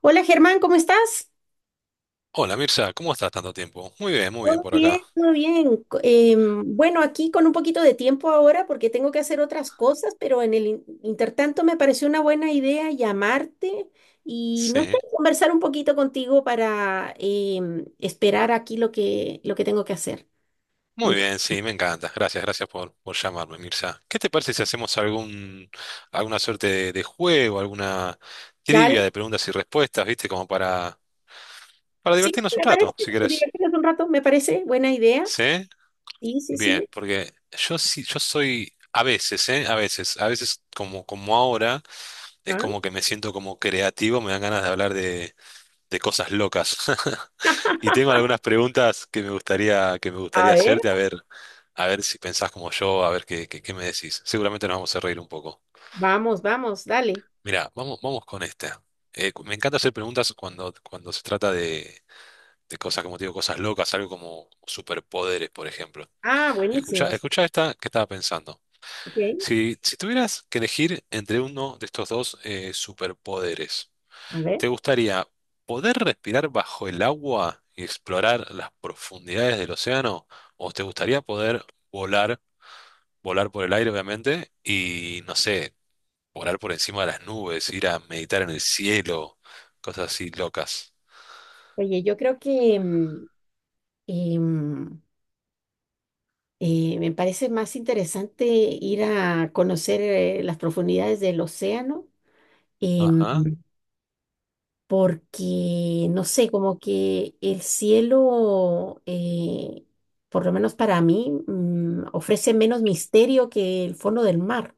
Hola Germán, ¿cómo estás? Hola Mirza, ¿cómo estás tanto tiempo? Muy bien Todo por bien, acá. todo bien. Bueno, aquí con un poquito de tiempo ahora porque tengo que hacer otras cosas, pero en el intertanto me pareció una buena idea llamarte y no sé, Sí, conversar un poquito contigo para esperar aquí lo que tengo que hacer. muy Mientras- bien, sí, me encanta. Gracias, gracias por llamarme, Mirza. ¿Qué te parece si hacemos alguna suerte de juego, alguna trivia Dale, de preguntas y respuestas, viste, como para sí, divertirnos un me parece, rato, si querés? divertirnos un rato, me parece buena idea. ¿Sí? Sí, sí, Bien, sí. porque yo soy a veces, ¿eh? A veces como, como ahora, es Ah, como que me siento como creativo, me dan ganas de hablar de cosas locas. Y tengo algunas preguntas que me gustaría, que me a gustaría ver, hacerte, a ver si pensás como yo, a ver qué me decís. Seguramente nos vamos a reír un poco. vamos, vamos, dale. Mirá, vamos con esta. Me encanta hacer preguntas cuando se trata de cosas, como te digo, cosas locas, algo como superpoderes, por ejemplo. Ah, Escucha, buenísimo. Sí, escucha esta que estaba pensando. ok, Si tuvieras que elegir entre uno de estos dos superpoderes, a ver. ¿te gustaría poder respirar bajo el agua y explorar las profundidades del océano? ¿O te gustaría poder volar, volar por el aire, obviamente, y no sé, volar por encima de las nubes, ir a meditar en el cielo, cosas así locas? Oye, yo creo que... Y mm, me parece más interesante ir a conocer las profundidades del océano, em, Ajá, porque, no sé, como que el cielo, por lo menos para mí, ofrece menos misterio que el fondo del mar.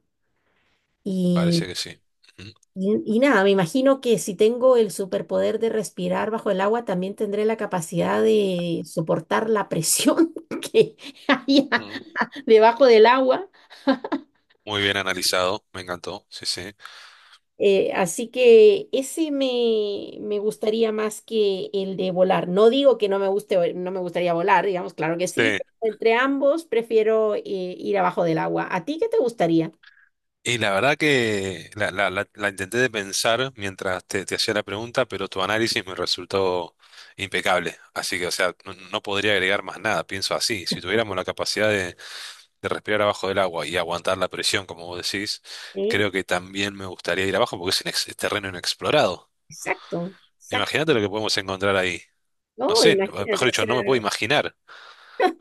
Y, parece que sí. Ujú. y nada, me imagino que si tengo el superpoder de respirar bajo el agua, también tendré la capacidad de soportar la presión que hay Ujú. debajo del agua. Muy bien analizado, me encantó. Sí, sí. Así que ese me gustaría más que el de volar. No digo que no me guste, no me gustaría volar, digamos, claro que sí, Sí, pero entre ambos prefiero ir abajo del agua. ¿A ti qué te gustaría? y la verdad que la intenté de pensar mientras te hacía la pregunta, pero tu análisis me resultó impecable. Así que, o sea, no, no podría agregar más nada, pienso así. Si tuviéramos la capacidad de respirar abajo del agua y aguantar la presión, como vos decís, Sí, creo que también me gustaría ir abajo porque es, un terreno inexplorado. exacto, exacto. Imagínate lo que podemos encontrar ahí. No No, sé, mejor imagínate, o dicho, no me puedo sea, imaginar,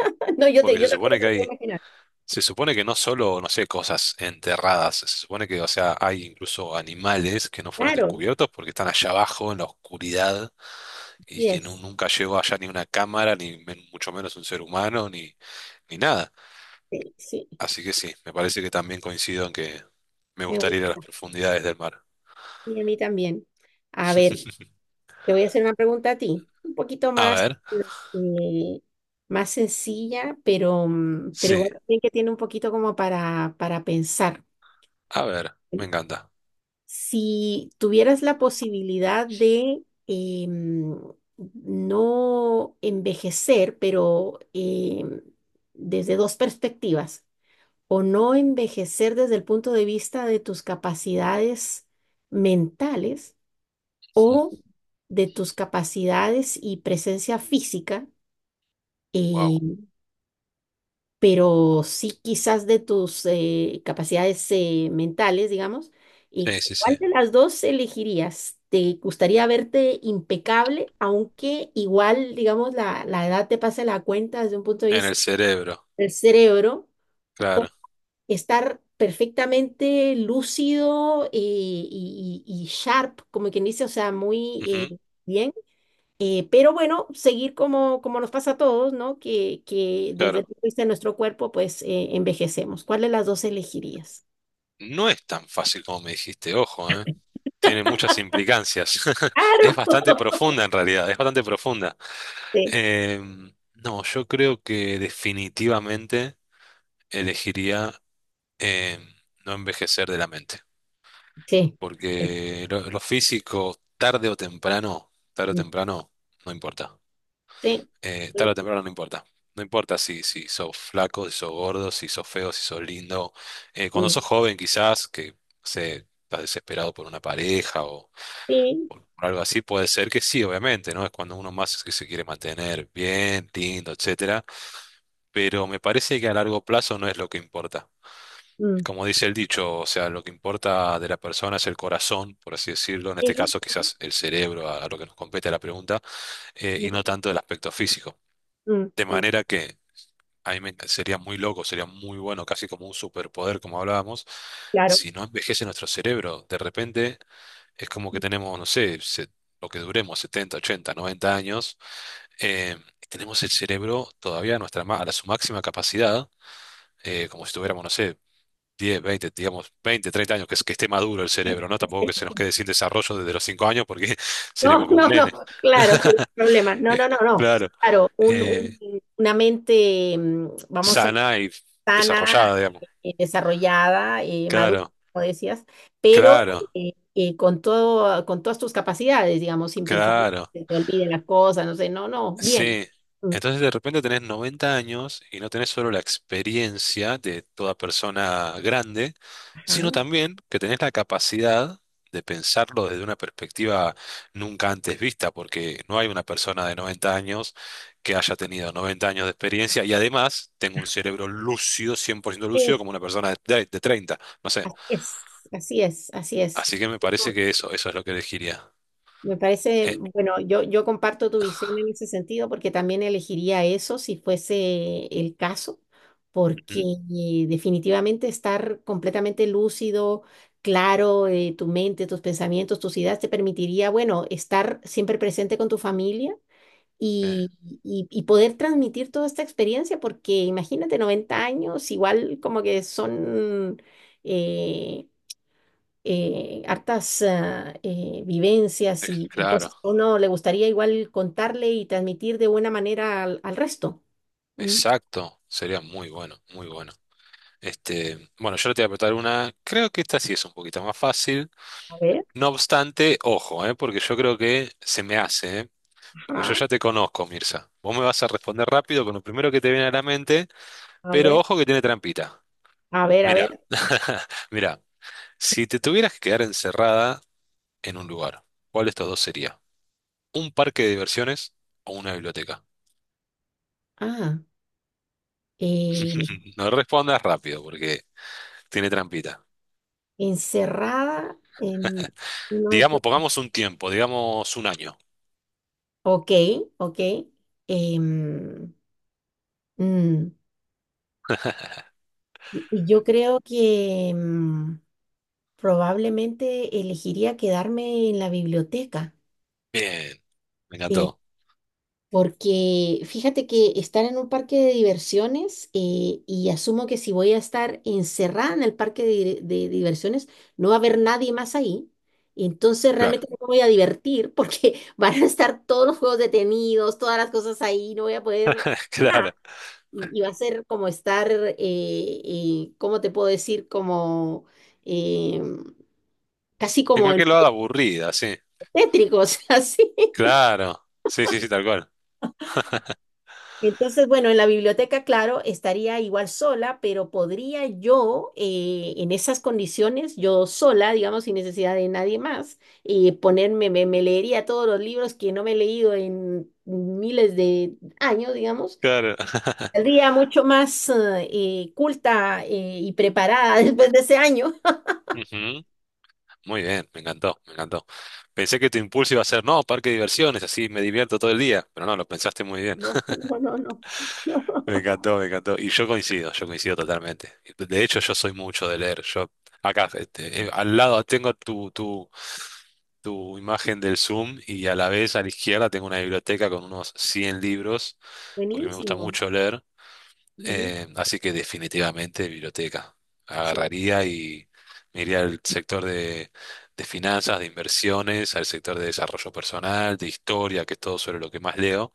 no, yo, te, porque yo tampoco me lo puedo imaginar. se supone que no solo, no sé, cosas enterradas, se supone que, o sea, hay incluso animales que no fueron Claro, descubiertos porque están allá abajo en la oscuridad y que yes, nunca llegó allá ni una cámara, ni mucho menos un ser humano, ni, ni nada. sí, sí, Así que sí, me parece que también coincido en que me me gustaría ir a las gusta. profundidades del mar. Sí, a mí también. A ver. Te voy a hacer una pregunta a ti, un poquito A más, ver, eh, más sencilla, pero sí, igual también que tiene un poquito como para pensar. a ver, me encanta. Si tuvieras la posibilidad de no envejecer, pero desde dos perspectivas, o no envejecer desde el punto de vista de tus capacidades mentales, o de tus capacidades y presencia física, Wow. eh, pero sí quizás de tus capacidades mentales, digamos. ¿Y Sí, sí, cuál sí. de las dos elegirías? ¿Te gustaría verte impecable, aunque igual, digamos, la edad te pase la cuenta desde un punto de En el vista cerebro, del cerebro, claro. estar perfectamente lúcido y sharp, como quien dice, o sea, muy Ujú, bien. Pero bueno, seguir como nos pasa a todos, ¿no? Que desde el claro. punto de vista de nuestro cuerpo, pues envejecemos. ¿Cuál de las dos elegirías? No es tan fácil como me dijiste, ojo, ¿eh? Tiene muchas implicancias. Es Claro. bastante profunda en realidad, es bastante profunda. Sí. No, yo creo que definitivamente elegiría em, no envejecer de la mente, Sí. porque lo físico, tarde o temprano, no importa. Sí. Tarde o temprano no importa. No importa si sos flaco, si sos gordo, si sos feo, si sos lindo. Cuando Mm, sos joven, quizás, que no sé, estás desesperado por una pareja sí, o algo así, puede ser que sí, obviamente, ¿no? Es cuando uno más es que se quiere mantener bien, lindo, etcétera. Pero me parece que a largo plazo no es lo que importa. mm, mm, Como dice el dicho, o sea, lo que importa de la persona es el corazón, por así decirlo, en este sí, caso quizás el cerebro, a, lo que nos compete la pregunta, mm, y no sí, tanto el aspecto físico. mm, mm. De Mm, manera que sería muy loco, sería muy bueno, casi como un superpoder, como hablábamos, claro. si no envejece nuestro cerebro. De repente es como que Sí, tenemos, no sé, lo que duremos, 70 80 90 años, eh, tenemos el cerebro todavía a, a su máxima capacidad, como si tuviéramos, no sé, 10 20 digamos, 20 30 años, que, que esté maduro el sí. cerebro, ¿no? Tampoco que se nos quede sin desarrollo desde los 5 años porque No, seremos como un no, no, nene. claro, sería un problema. No, Eh, no, no, no. claro, Claro, eh, una mente, vamos a sana y sana, desarrollada, digamos. Desarrollada, madura, Claro, como decías, pero claro, con todo, con todas tus capacidades, digamos, sin pensar claro. que se te olviden las cosas, no sé, no, no, bien. Sí, Mm, entonces de repente tenés 90 años y no tenés solo la experiencia de toda persona grande, sino ajá. también que tenés la capacidad de pensarlo desde una perspectiva nunca antes vista, porque no hay una persona de 90 años que haya tenido 90 años de experiencia y además tengo un cerebro lúcido, 100% lúcido, Sí, como una persona de 30, no sé. es, así es, así es. Así que me parece que eso es lo que elegiría. Me parece, Eh, bueno, yo comparto tu visión en ese sentido porque también elegiría eso si fuese el caso, porque ujú, definitivamente estar completamente lúcido, claro, tu mente, tus pensamientos, tus ideas te permitiría, bueno, estar siempre presente con tu familia eh, y, y poder transmitir toda esta experiencia, porque imagínate, 90 años, igual como que son... eh, hartas vivencias y claro, cosas que uno le gustaría igual contarle y transmitir de buena manera al resto. Mm, exacto, sería muy bueno, muy bueno. Este, bueno, yo te voy a apretar una. Creo que esta sí es un poquito más fácil. a ver, No obstante, ojo, ¿eh? Porque yo creo que se me hace, ¿eh? Porque yo ajá, ya te conozco, Mirza. Vos me vas a responder rápido con lo primero que te viene a la mente, a pero ver, ojo que tiene trampita. a ver, a Mira, ver. mira, si te tuvieras que quedar encerrada en un lugar, ¿cuál de estos dos sería? ¿Un parque de diversiones o una biblioteca? Ah, eh, No respondas rápido porque tiene trampita. encerrada en uno de Digamos, esos- pongamos un tiempo, digamos un año. Ok, ok. em, mm, y yo creo que probablemente elegiría quedarme en la biblioteca. Bien, me eh, encantó. Porque fíjate que estar en un parque de diversiones y asumo que si voy a estar encerrada en el parque de diversiones, no va a haber nadie más ahí. Entonces Claro. realmente no me voy a divertir porque van a estar todos los juegos detenidos, todas las cosas ahí, no voy a poder nada. Claro. Y va a ser como estar, ¿cómo te puedo decir? Como eh, casi En como en cualquier lado aburrida, sí. tétricos, así. Claro. Sí, sí, sí, tal cual. Entonces, bueno, en la biblioteca, claro, estaría igual sola, pero podría yo, en esas condiciones, yo sola, digamos, sin necesidad de nadie más, ponerme, me leería todos los libros que no me he leído en miles de años, digamos. Claro. Saldría mucho más, culta, y preparada después de ese año. Ujú. Muy bien, me encantó, me encantó. Pensé que tu impulso iba a ser, no, parque de diversiones, así me divierto todo el día, pero no, lo pensaste muy bien. No, no, no, no. Me encantó, me encantó. Y yo coincido totalmente. De hecho, yo soy mucho de leer. Yo acá, este, al lado tengo tu imagen del Zoom y a la vez a la izquierda tengo una biblioteca con unos 100 libros, porque me gusta Buenísimo, mucho leer. buenísimo, Así que definitivamente biblioteca. sí. Agarraría y me iría al sector de finanzas, de inversiones, al sector de desarrollo personal, de historia, que es todo sobre lo que más leo.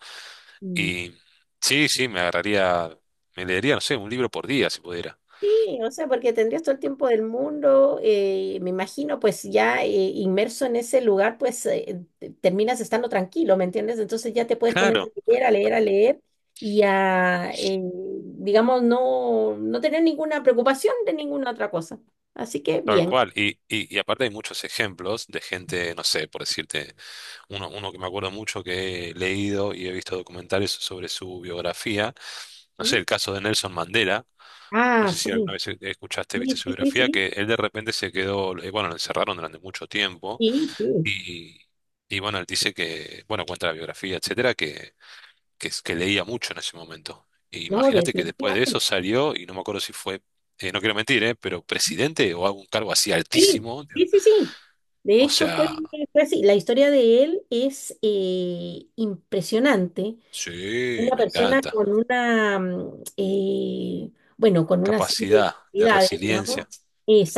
Mm. Y sí, sí, me agarraría, me leería, no sé, un libro por día si pudiera. Sí, o sea, porque tendrías todo el tiempo del mundo, me imagino, pues ya inmerso en ese lugar, pues terminas estando tranquilo, ¿me entiendes? Entonces ya te puedes poner a Claro, leer, a leer, a leer y a, digamos, no, no tener ninguna preocupación de ninguna otra cosa. Así que tal bien. cual. Y aparte hay muchos ejemplos de gente, no sé, por decirte, uno que me acuerdo mucho que he leído y he visto documentales sobre su biografía. No sé, ¿Mm? el caso de Nelson Mandela. No Ah, sé sí, si alguna vez escuchaste, sí, viste su sí, sí, biografía, sí, que él de repente se quedó, bueno, lo encerraron durante mucho tiempo sí, sí, y, y bueno, él dice que, bueno, cuenta la biografía, etcétera, que leía mucho en ese momento. E no, imagínate que después de eso definitivamente. salió y no me acuerdo si fue, no quiero mentir, pero presidente o algún cargo así Sí, altísimo. sí, sí, sí. De O hecho, fue, sea, fue así. La historia de él es impresionante. sí, Una me persona encanta. con una serie de Capacidad de habilidades, resiliencia. digamos,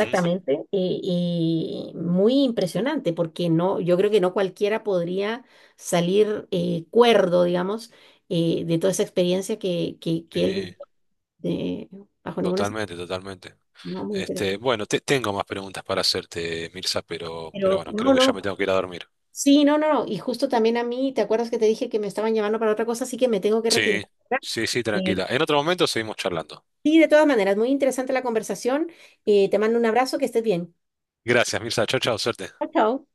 Ujú, y muy impresionante, porque no, yo creo que no cualquiera podría salir cuerdo, digamos, de toda esa experiencia que él vivió, sí, eh, bajo ninguna... totalmente, totalmente. No, muy Este, interesante. bueno, tengo más preguntas para hacerte, Mirza, pero Pero bueno, creo no, que ya me no. tengo que ir a dormir. Sí, no, no, no. Y justo también a mí, ¿te acuerdas que te dije que me estaban llamando para otra cosa? Así que me tengo que retirar. Sí, ¿Verdad? sí, sí, Eh, tranquila. En otro momento seguimos charlando. Sí, de todas maneras, muy interesante la conversación. Te mando un abrazo, que estés bien. Gracias, Mirza. Chao, chao, suerte. Chao, chao.